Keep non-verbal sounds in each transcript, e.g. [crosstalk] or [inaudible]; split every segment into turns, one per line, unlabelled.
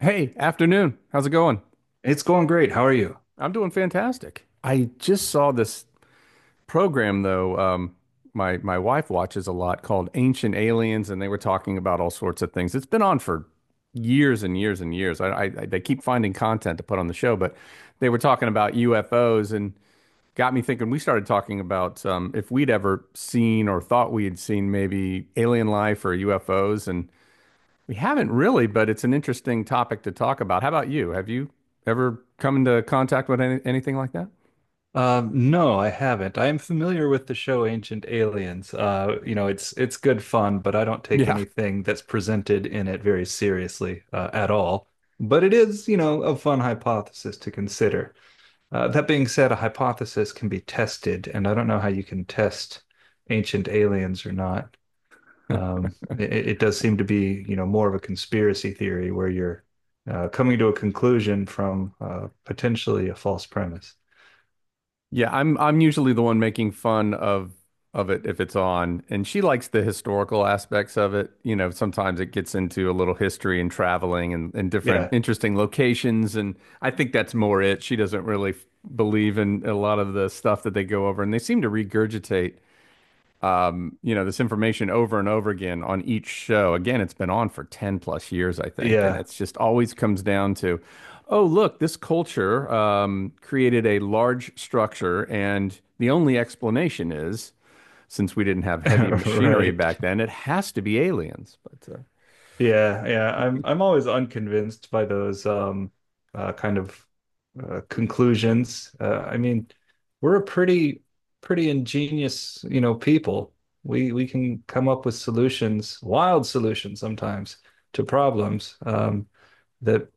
Hey, afternoon. How's it going?
It's going great. How are you?
I'm doing fantastic. I just saw this program though, my wife watches a lot called Ancient Aliens, and they were talking about all sorts of things. It's been on for years and years and years. I they keep finding content to put on the show, but they were talking about UFOs and got me thinking. We started talking about if we'd ever seen or thought we had seen maybe alien life or UFOs, and we haven't really, but it's an interesting topic to talk about. How about you? Have you ever come into contact with anything like that?
No, I haven't. I am familiar with the show Ancient Aliens. It's good fun, but I don't take
Yeah.
anything that's presented in it very seriously at all. But it is, you know, a fun hypothesis to consider. That being said, a hypothesis can be tested, and I don't know how you can test Ancient Aliens or not. It does seem to be, you know, more of a conspiracy theory where you're coming to a conclusion from potentially a false premise.
Yeah, I'm usually the one making fun of it if it's on. And she likes the historical aspects of it. You know, sometimes it gets into a little history and traveling and different
Yeah.
interesting locations. And I think that's more it. She doesn't really believe in a lot of the stuff that they go over, and they seem to regurgitate you know, this information over and over again on each show. Again, it's been on for 10 plus years, I think. And
Yeah.
it's just always comes down to, oh, look, this culture created a large structure. And the only explanation is, since we didn't have heavy
[laughs]
machinery
Right.
back then, it has to be aliens. But
Yeah. Yeah. I'm always unconvinced by those kind of conclusions. I mean, we're a pretty ingenious, you know, people. We can come up with solutions, wild solutions sometimes to problems that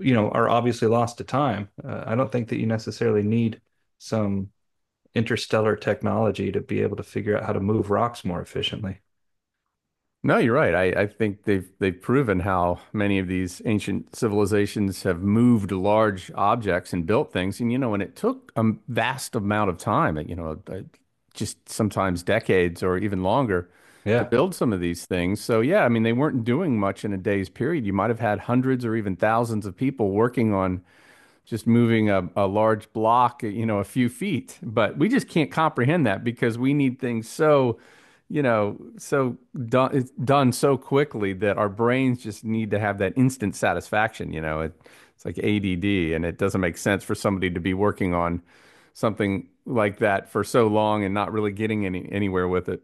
you know are obviously lost to time. I don't think that you necessarily need some interstellar technology to be able to figure out how to move rocks more efficiently.
No, you're right. I think they've proven how many of these ancient civilizations have moved large objects and built things. And you know, and it took a vast amount of time, just sometimes decades or even longer to
Yeah.
build some of these things. So yeah, I mean, they weren't doing much in a day's period. You might have had hundreds or even thousands of people working on just moving a large block, you know, a few feet. But we just can't comprehend that because we need things so, you know, so done, it's done so quickly that our brains just need to have that instant satisfaction. You know, it, it's like ADD, and it doesn't make sense for somebody to be working on something like that for so long and not really getting anywhere with it.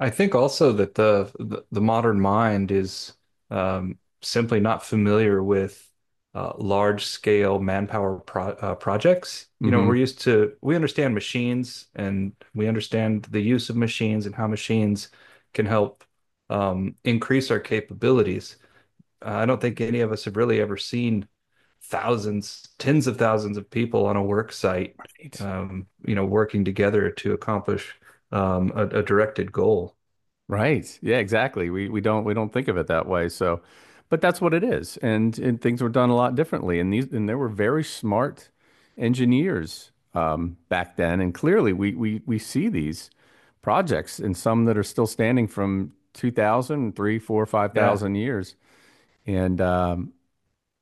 I think also that the modern mind is simply not familiar with large scale manpower projects. You know,
Hmm.
we're used to we understand machines and we understand the use of machines and how machines can help increase our capabilities. I don't think any of us have really ever seen thousands, tens of thousands of people on a work site,
Right.
you know, working together to accomplish a directed goal.
Right. Yeah, exactly. We don't we don't think of it that way. So, but that's what it is. And things were done a lot differently. And these and there were very smart engineers back then. And clearly we see these projects and some that are still standing from 2,000, 3, 4, five
Yeah.
thousand years. And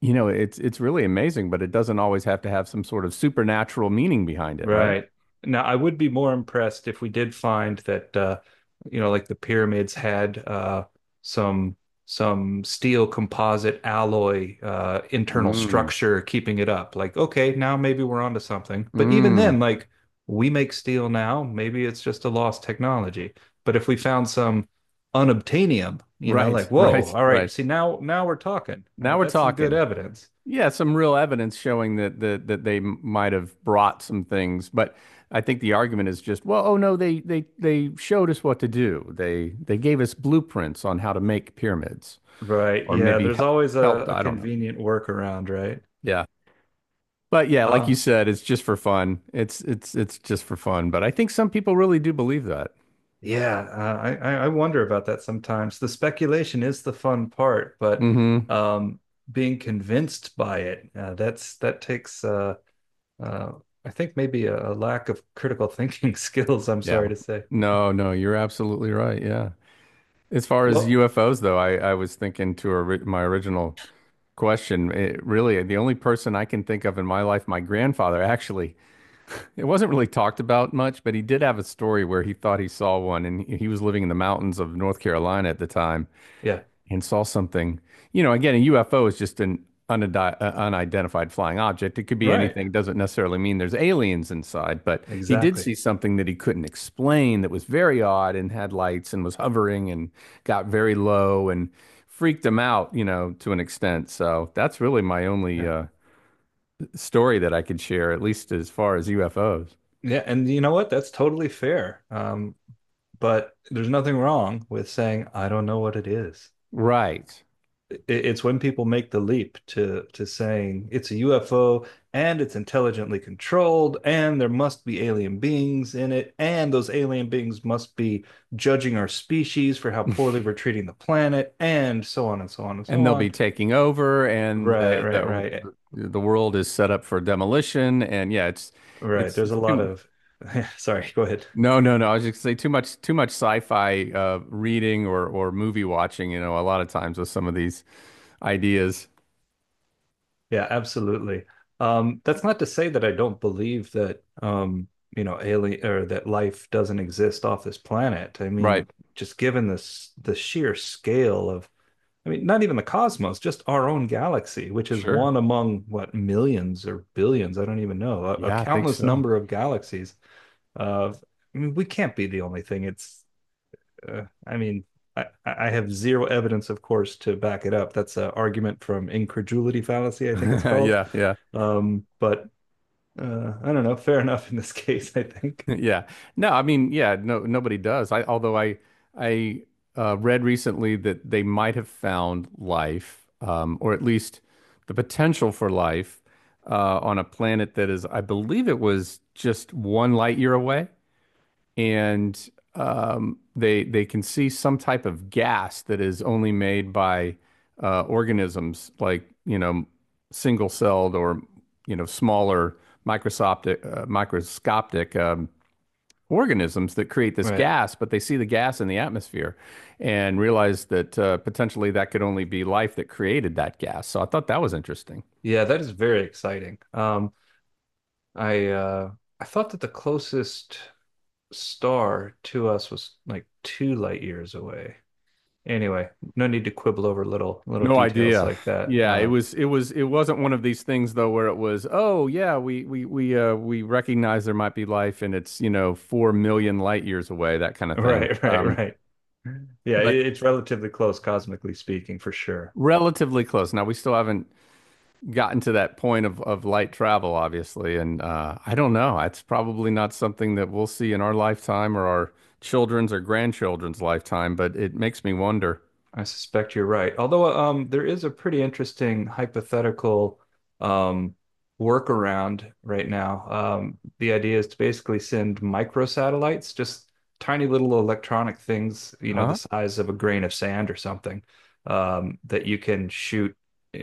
you know, it's really amazing, but it doesn't always have to have some sort of supernatural meaning behind it, right?
Right. Now, I would be more impressed if we did find that you know like the pyramids had some steel composite alloy internal
Mm,
structure keeping it up. Like, okay, now maybe we're onto something. But even
mm.
then, like we make steel now, maybe it's just a lost technology. But if we found some unobtainium, you know,
Right,
like,
[laughs] right,
whoa, all right,
right.
see now we're talking,
Now
right?
we're
That's some good
talking.
evidence.
Yeah, some real evidence showing that that they might have brought some things, but I think the argument is just, well, oh no, they they showed us what to do. They gave us blueprints on how to make pyramids,
Right.
or
Yeah,
maybe
there's always
helped.
a
I don't know.
convenient workaround, right?
Yeah, but yeah, like you
Um,
said, it's just for fun. It's it's just for fun. But I think some people really do believe that.
Yeah, I I wonder about that sometimes. The speculation is the fun part, but
Hmm.
um, being convinced by it that's that takes uh, I think maybe a lack of critical thinking [laughs] skills. I'm
Yeah.
sorry to say.
No, no, you're absolutely right. Yeah. As far as
Well,
UFOs, though, I was thinking to my original question. It, really, the only person I can think of in my life, my grandfather, actually, it wasn't really talked about much, but he did have a story where he thought he saw one, and he was living in the mountains of North Carolina at the time,
yeah,
and saw something. You know, again, a UFO is just an unidentified flying object. It could be
right,
anything. Doesn't necessarily mean there's aliens inside, but he did
exactly.
see something that he couldn't explain that was very odd and had lights and was hovering and got very low and freaked him out, you know, to an extent. So that's really my only
Yeah,
story that I could share, at least as far as UFOs.
yeah, and you know what? That's totally fair. But there's nothing wrong with saying I don't know what it is.
Right.
It's when people make the leap to saying it's a UFO and it's intelligently controlled and there must be alien beings in it and those alien beings must be judging our species for how poorly we're treating the planet and so on and so on and
And
so
they'll be
on.
taking over, and
Right,
uh,
right, right.
the world is set up for demolition. And yeah, it's
Right.
it's
There's a
it's
lot
too
of [laughs] sorry, go ahead.
no no no. I was just gonna say too much sci-fi reading or movie watching. You know, a lot of times with some of these ideas.
Yeah, absolutely. That's not to say that I don't believe that you know, alien or that life doesn't exist off this planet. I
Right.
mean, just given this the sheer scale of, I mean, not even the cosmos, just our own galaxy, which is
Sure.
one among what millions or billions, I don't even know, a
Yeah, I think
countless
so.
number of galaxies. Uh, I mean, we can't be the only thing. It's I mean, I have zero evidence, of course, to back it up. That's an argument from incredulity fallacy, I think it's
[laughs]
called.
Yeah, yeah.
But I don't know. Fair [laughs] enough in this case, I
[laughs]
think.
Yeah. No, I mean, yeah, no, nobody does. I read recently that they might have found life, or at least the potential for life, on a planet that is, I believe it was just one light year away, and they can see some type of gas that is only made by organisms like, you know, single-celled or, you know, smaller microscopic. Organisms that create this
Right.
gas, but they see the gas in the atmosphere and realize that potentially that could only be life that created that gas. So I thought that was interesting.
Yeah, that is very exciting. I uh, I thought that the closest star to us was like 2 light years away. Anyway, no need to quibble over little
No
details
idea.
like that.
Yeah, it was it was it wasn't one of these things though where it was, oh yeah, we recognize there might be life and it's, you know, 4 million light years away, that kind
[laughs]
of thing.
Right, right, right. Yeah,
But
it, it's relatively close cosmically speaking, for sure.
relatively close. Now we still haven't gotten to that point of light travel, obviously. And I don't know. It's probably not something that we'll see in our lifetime or our children's or grandchildren's lifetime, but it makes me wonder.
I suspect you're right. Although there is a pretty interesting hypothetical um, workaround right now. The idea is to basically send microsatellites, just tiny little electronic things, you know, the
Huh?
size of a grain of sand or something, that you can shoot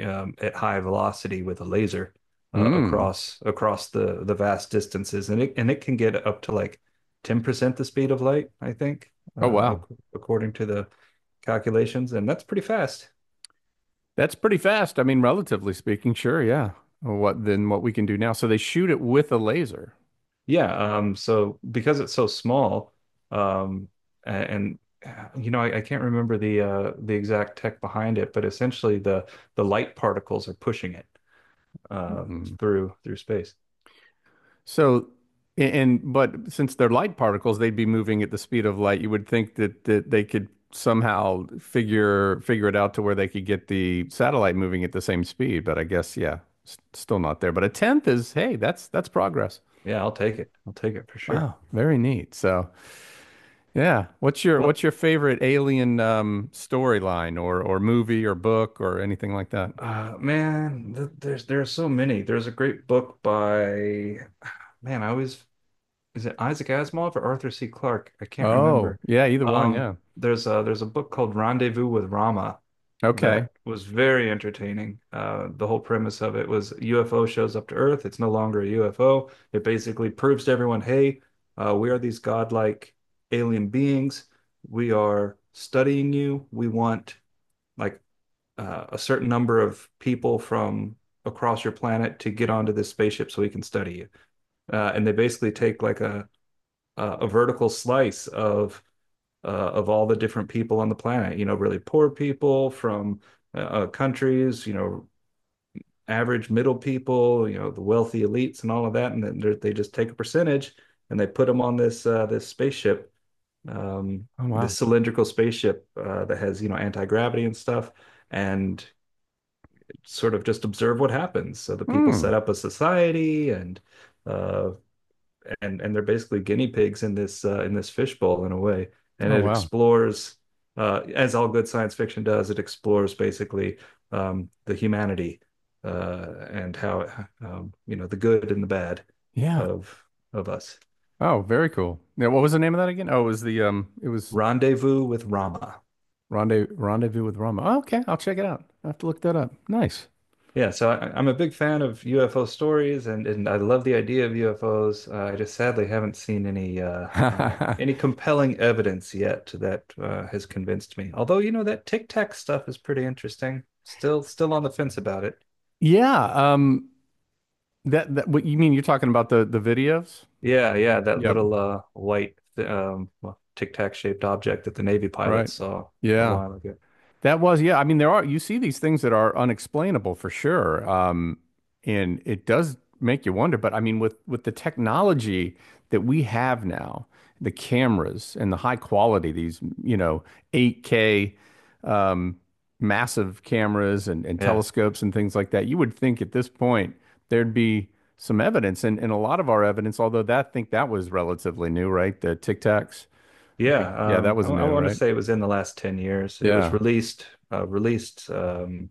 at high velocity with a laser
Hmm.
across the vast distances, and it can get up to like 10% the speed of light, I think,
Oh, wow.
according to the calculations, and that's pretty fast.
That's pretty fast. I mean, relatively speaking, sure. Yeah. What then what we can do now. So they shoot it with a laser.
Yeah. So because it's so small, um, and you know, I can't remember the exact tech behind it, but essentially the light particles are pushing it uh,
Hmm.
through space.
So, and but since they're light particles, they'd be moving at the speed of light. You would think that they could somehow figure it out to where they could get the satellite moving at the same speed. But I guess, yeah, s still not there. But a tenth is, hey, that's progress.
Yeah, I'll take it. I'll take it for sure.
Wow, very neat. So, yeah,
Well,
what's your favorite alien storyline or movie or book or anything like that?
man, th there's so many. There's a great book by man. I always is it Isaac Asimov or Arthur C. Clarke? I can't
Oh,
remember.
yeah, either one.
Um,
Yeah.
there's a book called Rendezvous with Rama
Okay.
that was very entertaining. The whole premise of it was UFO shows up to Earth. It's no longer a UFO. It basically proves to everyone, hey, we are these godlike alien beings. We are studying you. We want like a certain number of people from across your planet to get onto this spaceship so we can study you. And they basically take like a vertical slice uh, of all the different people on the planet. You know, really poor people from countries. You know, average middle people. You know, the wealthy elites and all of that. And then they just take a percentage and they put them on this spaceship, um,
Oh wow.
this cylindrical spaceship that has you know anti-gravity and stuff. And sort of just observe what happens. So the people
Hmm.
set up a society uh, and and they're basically guinea pigs in this fishbowl in a way. And
Oh
it
wow.
explores, as all good science fiction does, it explores basically the humanity and how you know the good and the bad
Yeah.
of of us.
Oh, very cool. Yeah, what was the name of that again? Oh, it was the it was
Rendezvous with Rama.
rendez Rendezvous with Rama. Oh, okay, I'll check it out. I have to look that up. Nice.
Yeah, so I'm a big fan of UFO stories, and I love the idea of UFOs. I just sadly haven't seen any
[laughs]
compelling evidence yet that has convinced me. Although, you know, that Tic Tac stuff is pretty interesting. Still on the fence about it.
Yeah. Um. That that what you mean? You're talking about the videos?
Yeah, yeah, that
Yep.
little white Tic Tac shaped object that the Navy
Right.
pilots saw a
Yeah.
while ago.
That was, yeah. I mean, there are, you see these things that are unexplainable for sure. And it does make you wonder, but I mean, with the technology that we have now, the cameras and the high quality, these, you know, 8K um, massive cameras and
Yeah.
telescopes and things like that, you would think at this point there'd be some evidence and a lot of our evidence, although that I think that was relatively new, right? The Tic Tacs. I think,
Yeah,
yeah, that was
I
new,
want to
right?
say it was in the last 10 years. It was
Yeah.
released,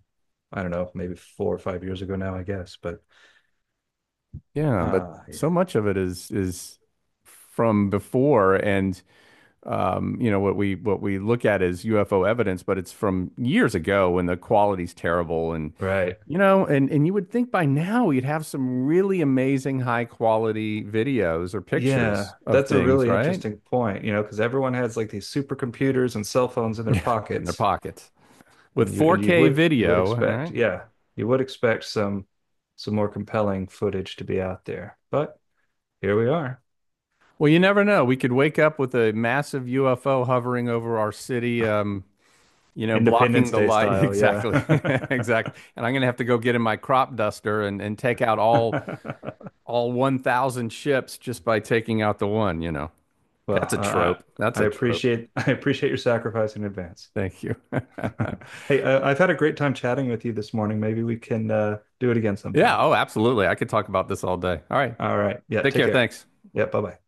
I don't know, maybe 4 or 5 years ago now, I guess. But
Yeah, but so
yeah,
much of it is from before, and you know what we look at is UFO evidence, but it's from years ago when the quality's terrible, and
right.
you know, and you would think by now you'd have some really amazing high quality videos or
Yeah,
pictures of
that's a
things,
really
right?
interesting
[laughs]
point, you know, because everyone has like these supercomputers and cell phones in their
Yeah, in their
pockets,
pockets with
and you
4K
would
video,
expect,
right?
yeah, you would expect some more compelling footage to be out there. But here we are,
Well, you never know. We could wake up with a massive UFO hovering over our city, you know, blocking
Independence
the
Day
light.
style, yeah.
Exactly. [laughs] Exactly. And I'm going to have to go get in my crop duster and take out
[laughs]
all 1,000 ships just by taking out the one, you know. That's
Well,
a trope. That's
I
a trope.
appreciate [laughs] I appreciate your sacrifice in advance. [laughs]
Thank you. [laughs]
Hey, I've had a great time chatting with you this morning. Maybe we can do it again
Yeah.
sometime.
Oh, absolutely. I could talk about this all day. All right.
All right. Yeah,
Take
take
care.
care.
Thanks.
Yeah, bye-bye.